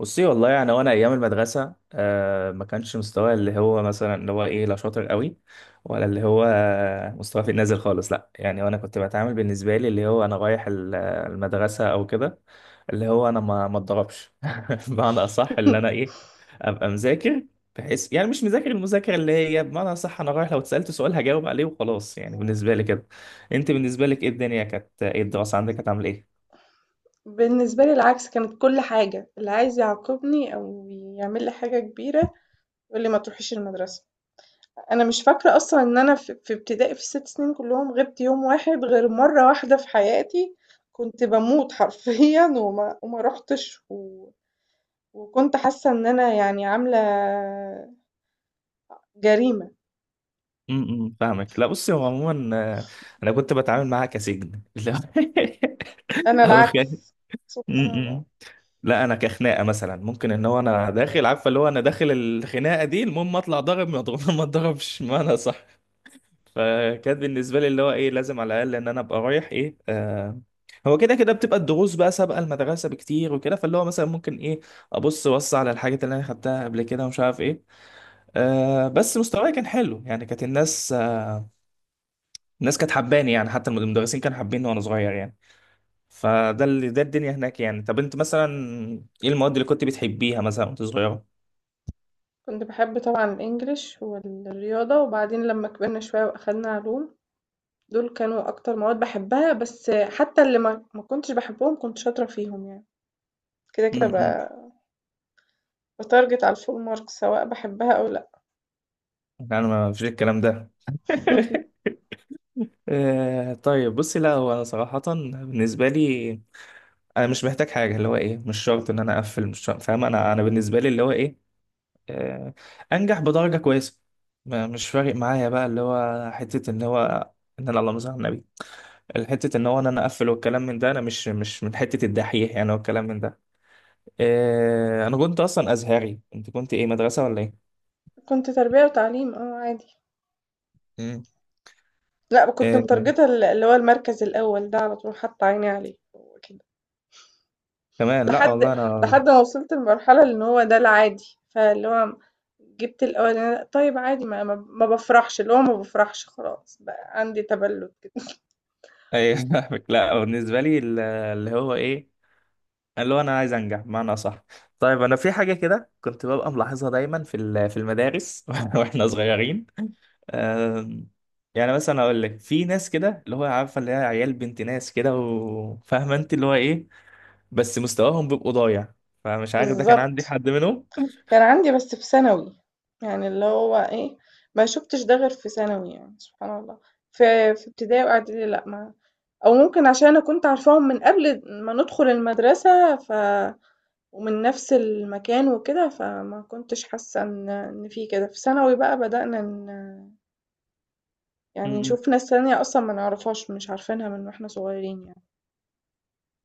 بصي والله يعني وانا ايام المدرسه ما كانش مستواي اللي هو مثلا اللي هو ايه، لا شاطر قوي ولا اللي هو، مستواي في النازل خالص. لا يعني وانا كنت بتعامل بالنسبه لي اللي هو انا رايح المدرسه او كده اللي هو انا ما اتضربش بمعنى اصح اللي انا ايه ابقى مذاكر، بحيث يعني مش مذاكر المذاكره، اللي هي بمعنى اصح انا رايح لو اتسالت سؤال هجاوب عليه وخلاص، يعني بالنسبه لي كده. انت بالنسبه لك ايه الدنيا كانت، ايه الدراسه عندك كانت عامله ايه؟ بالنسبة لي العكس، كانت كل حاجة، اللي عايز يعاقبني أو يعمل لي حاجة كبيرة يقول لي ما تروحيش المدرسة. أنا مش فاكرة أصلًا إن أنا في ابتدائي في ال6 سنين كلهم غِبت يوم واحد غير مرة واحدة في حياتي. كنت باموت حرفيًا وما رُحتش وكنت حاسة إن أنا يعني عاملة جريمة. فاهمك. لا بصي، هو عموما انا كنت بتعامل معاها كسجن لا أنا او العكس. سبحان الله. امم. لا انا كخناقه مثلا ممكن ان هو انا داخل، عارفه اللي هو انا داخل الخناقه دي المهم اطلع ضارب، ما اضرب ما اضربش ما انا صح. فكانت بالنسبه لي اللي هو ايه لازم على الاقل ان انا ابقى رايح، ايه آه هو كده كده بتبقى الدروس بقى سابقه المدرسه بكتير وكده، فاللي هو مثلا ممكن ايه ابص بص على الحاجات اللي انا خدتها قبل كده ومش عارف ايه. بس مستواي كان حلو، يعني كانت الناس، الناس كانت حباني، يعني حتى المدرسين كانوا حابيني وانا صغير يعني. فده اللي ده الدنيا هناك يعني. طب انت مثلا ايه المواد اللي كنت بتحبيها مثلا وانت صغيره؟ كنت باحب طبعًا الEnglish والرياضة، وبعدين لمّا كبرنا شوية وأخدنا علوم دول كانوا أكتر مواد باحبها. بس حتى اللي ما كنتش باحبهم كنت شاطرة فيهم يعني. كده، كده امم باتارجت على الfull marks سواء باحبها أو لأ. انا ما فيش الكلام ده طيب بصي، لا هو انا صراحه بالنسبه لي انا مش محتاج حاجه، اللي هو ايه مش شرط ان انا اقفل، مش شرط، فاهم؟ انا بالنسبه لي اللي هو ايه، آه، انجح بدرجه كويسه. مش فارق معايا بقى اللي هو حته اللي هو ان انا، اللهم صل على النبي، الحتة ان هو انا اقفل والكلام من ده، انا مش من حتة الدحيح يعني والكلام من ده. إيه انا كنت اصلا ازهري، انت كنت ايه مدرسة ولا ايه؟ كنت تربية وتعليم عادي. مم. لأ كنت إيه متارجته اللي هو المركز الأول ده على طول حاطة عيني عليه. هو كده. كمان، لا لحد والله انا لحد ما وصلت لمرحلة إن هو ده العادي، فاللي هو جبت الأولاني طيب عادي ما بافرحش، اللي هو ما بافرحش خلاص بقى عندي تبلد كده. ايه فاهمك. لا بالنسبة لي اللي هو ايه اللي هو انا عايز انجح بمعنى صح. طيب انا في حاجة كده كنت ببقى ملاحظها دايما في المدارس واحنا صغيرين. آم، يعني مثلا اقول لك في ناس كده اللي هو، عارفه اللي هي عيال بنت ناس كده وفاهمه انت اللي هو ايه، بس مستواهم بيبقوا ضايع. فمش عارف ده كان عندي بالضبط. حد منهم كان عندي بس في ثانوي. يعني اللي هو إيه، ما شُفتش ده غير في ثانوي يعني سبحان الله. في ابتدائي وإعدادي لأ ما أو ممكن عشان أنا كنت عارفاهم من قبل ما ندخل المدرسة ومن نفس المكان وكده، فما كنتش حاسة إن في كده. في ثانوي بقى بدأنا يعني م-م. نشوف ناس تانية أصلًا ما نعرفهاش، مش عارفينها من وإحنا صغيرين يعني.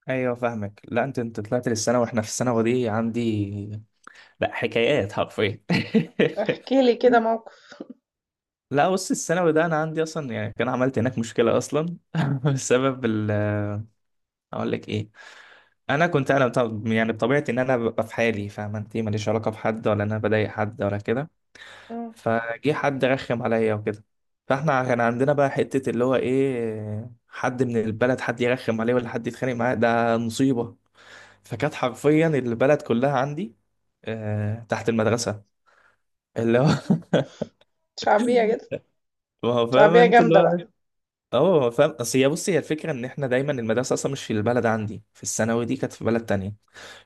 ايوه فاهمك. لا انت طلعت للسنه، واحنا في الثانوي دي عندي لا حكايات حرفيا احكِ لي كده موقف. لا بص الثانوي ده انا عندي اصلا يعني، كان عملت هناك مشكله اصلا بسبب اقول لك ايه. انا كنت انا يعني بطبيعتي ان انا ببقى في حالي، فاهم انت ماليش علاقه بحد ولا إن انا بضايق حد ولا كده، إمم. فجه حد رخم عليا وكده. فاحنا كان عندنا بقى حتة اللي هو ايه، حد من البلد حد يرخم عليه ولا حد يتخانق معاه ده مصيبة. فكانت حرفيا البلد كلها عندي تحت المدرسة اللي هو شعبية جدًا. ما هو فاهم شعبية انت اللي جامدة هو. بقى. اه ما هو فاهم، اصل هي بصي هي الفكرة ان احنا دايما المدرسة اصلا مش في البلد عندي، في الثانوي دي كانت في بلد تانية.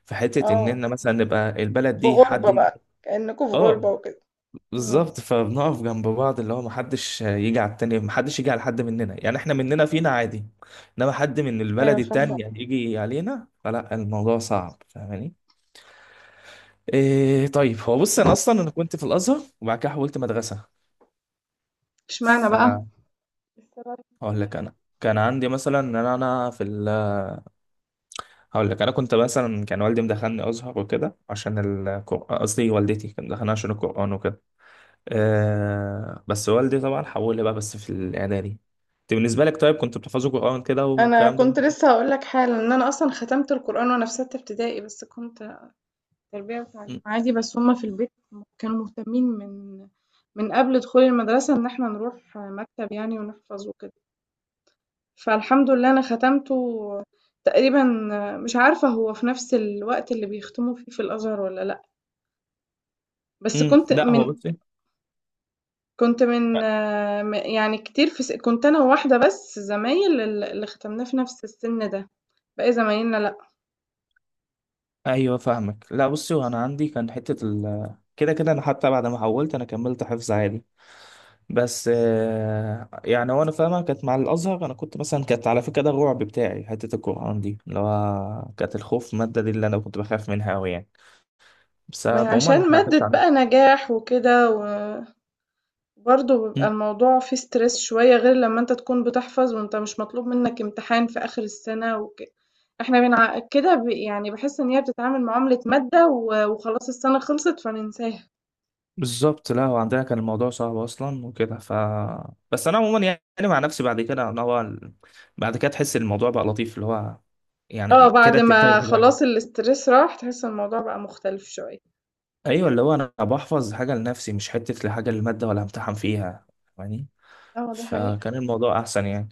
فحتة ان آه. احنا مثلا نبقى البلد في دي حد غُربة يجي. بقى، كأنكم في غُربة اه وكده. إمم. بالظبط، فبنقف جنب بعض اللي هو محدش يجي على التاني، محدش يجي على حد مننا يعني احنا مننا فينا عادي، انما حد من البلد أيوه فاهمة. التانية يجي علينا فلا الموضوع صعب، فاهماني؟ إيه طيب هو بص انا اصلا انا كنت في الازهر وبعد كده حولت مدرسة. اشمعنى بقى فهقول السبب؟ لك انا كان عندي مثلا ان انا أنا في ال هقول لك انا كنت مثلا كان والدي مدخلني ازهر وكده عشان القران، قصدي والدتي كانت مدخلني عشان القران وكده. بس والدي طبعا حول لي بقى بس في الاعدادي. انت بالنسبه لك طيب كنت بتحفظوا قران كده أنا والكلام ده؟ كنت لسه هاقول لك حالا إن أنا أصلا ختمت القرآن وأنا في ستة ابتدائي، بس كنت تربية وتعليم م- عادي، بس هما في البيت كانوا مهتمين من من قبل دخول المدرسة إن احنا نروح مكتب يعني ونحفظ وكده. فالحمد لله أنا ختمته تقريبا. مش عارفة هو في نفس الوقت اللي بيختموا فيه في الأزهر ولا لأ. بس م. كنت لا هو من بصي، كنت من آه، م يعني كتير، في كنت أنا وواحدة بس زمايل اللي ختمناه في نفس السن ده. باقي زمايلنا لأ. ايوه فاهمك. لا بصي وانا عندي كان حته كده كده انا حتى بعد ما حولت انا كملت حفظ عادي. بس يعني وانا فاهمه كانت مع الازهر، انا كنت مثلا كانت على فكره ده الرعب بتاعي حته القران دي، اللي هو كانت الخوف الماده دي اللي انا كنت بخاف منها قوي يعني. بس ما هي عموما عشان احنا ما مادة كانش عندنا. بقى نجاح وكده، و برضه بيبقى الموضوع فيه stress شوية، غير لمّا أنت تكون بتحفظ وأنت مش مطلوب منك امتحان في آخر السنة وك إحنا بنع كده ب يعني باحس إن هي بتتعامل معاملة مادة و وخلاص السنة خلصت فننساها. بالظبط، لا هو عندنا كان الموضوع صعب اصلا وكده. بس انا عموما يعني مع نفسي بعد كده انا هو بعد كده تحس الموضوع بقى لطيف، اللي هو آه، يعني بعد كده بتحتاج ما حاجه. خلاص الstress راح تحس الموضوع بقى مختلف شوية. ايوه اللي هو انا بحفظ حاجه لنفسي مش حته لحاجه للماده ولا امتحن فيها يعني. آه، دي حقيقة. فكان الموضوع احسن يعني.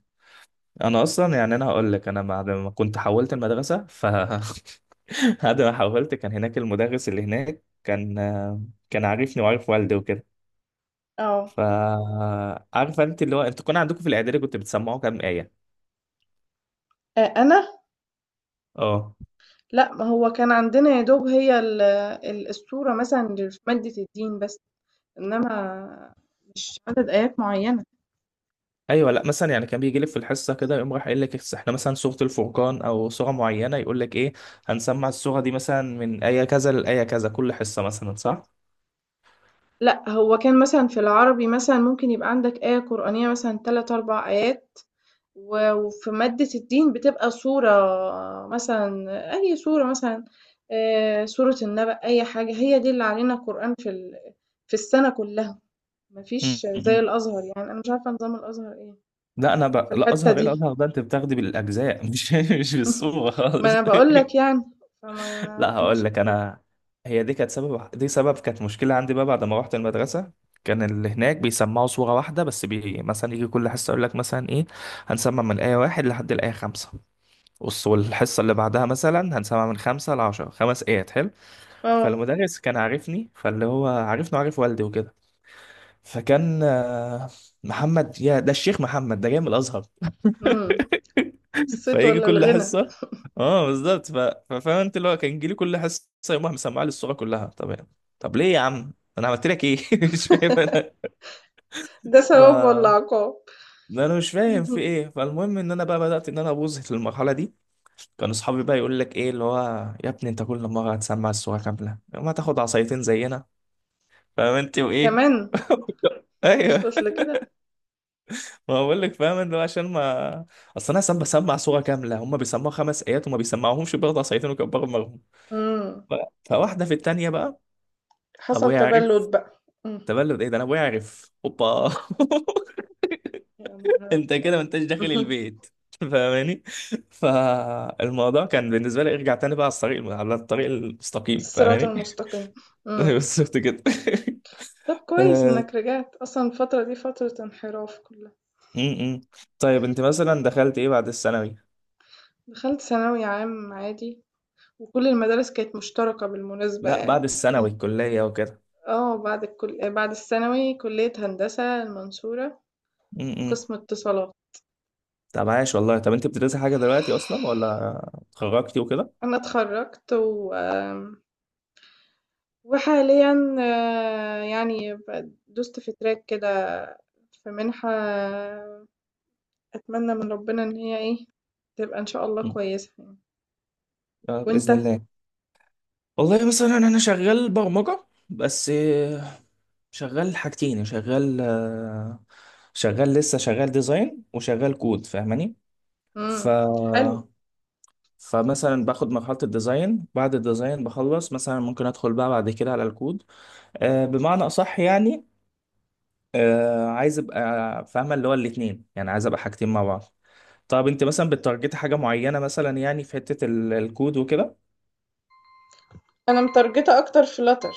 انا اصلا يعني انا هقول لك انا بعد ما كنت حولت المدرسه بعد ما حولت كان هناك المدرس اللي هناك كان، كان عارفني وعارف والدي وكده. آه. فعارفه انت اللي هو انتوا كان عندكم في الاعدادي كنت بتسمعوا كام ايه؟ أنا؟ اه لأ، ما هو كان عندنا يا دوب هي ال ال الصورة مثلًا اللي في مادة الدين بس، إنما مش عدد آيات معيّنة. ايوه. لا مثلا يعني كان بيجي لك في الحصه كده يقوم راح قايل لك احنا مثلا سوره الفرقان او سوره معينه، يقول لك ايه هنسمع السوره دي مثلا من ايه كذا لايه كذا كل حصه مثلا، صح؟ لأ، هو كان مثلًا في العربي مثلًا ممكن يبقى عندك آية قرآنية مثلًا 3، 4 آيات، وفي مادة الدين بتبقى صورة مثلًا، أي صورة مثلًا، سورة النبأ، أي حاجة، هي دي اللي علينا قرآن في في السنة كلها. ما م- فيش زي م-. الأزهر يعني. أنا مش عارفة نظام الأزهر إيه لا انا في لا الحتّة ازهر، ايه دي. الازهر ده انت بتاخدي بالاجزاء مش بالصوره ما خالص. أنا باقول لك يعني، فما لا كانش هقول لك في كده. انا، هي دي كانت سبب، دي سبب كانت مشكله عندي بقى بعد ما رحت المدرسه. كان اللي هناك بيسمعوا صوره واحده بس، مثلا يجي كل حصه يقول لك مثلا ايه هنسمع من آية 1 لحد الآية 5، والحصه اللي بعدها مثلا هنسمع من 5 لعشرة 5 آيات، حلو. آه. فالمدرس كان عارفني فاللي هو عارفني وعارف والدي وكده، فكان محمد يا ده الشيخ محمد ده جاي من الازهر. إمم. الصيت فيجي والّا كل الغنى. حصه، اه بالظبط، ففاهم انت اللي هو كان يجي لي كل حصه يقوم راح مسمع لي الصوره كلها، طب يعني. طب ليه يا عم، انا عملت لك ايه مش فاهم انا. ده ف... ثواب والّا عقاب؟ انا مش فاهم اهم. في ايه. فالمهم ان انا بقى بدات ان انا ابوظ في المرحله دي. كان اصحابي بقى يقول لك ايه اللي هو يا ابني انت كل مره هتسمع الصوره كامله، ما تاخد عصايتين زينا، فاهم انت وايه كمان! ايوه، وصلت لكده؟ ما بقول لك، فاهم اللي هو عشان ما، اصل انا سام بسمع صوره كامله هم بيسمعوا خمس ايات وما بيسمعوهمش، برضه عصايتين وكبروا. إمم. ف- فواحدة في التانية بقى حصل ابويا عرف، تبلّد بقى. إمم. تبلد ايه ده، انا ابويا عرف، اوبا يا نهار انت أبيض! كده ما انتش داخل اهم. البيت فاهماني؟ فالموضوع كان بالنسبة لي ارجع تاني بقى على الطريق، على الطريق المستقيم الصراط فاهماني. المستقيم. إمم. بس شفت كده طب كويس آه، إنك رجعت، أصلًا الفترة دي فترة انحراف كلّها. م- م. طيب انت مثلا دخلت ايه بعد الثانوي؟ دخلت ثانوي عام عادي، وكل المدارس كانت مشتركة بالمناسبة لا يعني. بعد الثانوي الكلية وكده. آه، بعد الثانوي كلية هندسة المنصورة م- م. قسم اتصالات. طب عايش والله. طب انت بتدرسي حاجة دلوقتي اصلا ولا اتخرجتي وكده؟ أنا اتخرّجت وحاليًا آه، يعني دُست في track كده في مِنحة. أتمنى من ربنا إن هي إيه، تبقى إن شاء الله م. كويسة يعني. بإذن وأنت؟ الله. والله مثلا انا شغال برمجة بس، شغال حاجتين، شغال شغال لسه، شغال ديزاين وشغال كود فاهماني. ف إمم. حلو. فمثلا باخد مرحلة الديزاين، بعد الديزاين بخلص مثلا ممكن ادخل بقى بعد كده على الكود. بمعنى اصح يعني عايز ابقى فاهمة اللي هو الاتنين، يعني عايز ابقى حاجتين مع بعض. طب انت مثلا بتارجتي حاجة معينة مثلا يعني في حتة الكود وكده؟ أنا متارجتة أكتر flutter.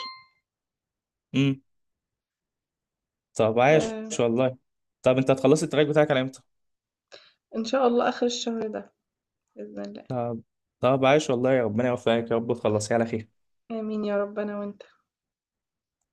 طب عايش آآ، والله. طب انت هتخلصي التراك بتاعك على امتى؟ إن شاء الله آخر الشهر ده بإذن الله. طب، طب عايش والله، يا ربنا يوفقك يا رب تخلصيه على خير. آمين يا رب أنا وأنت.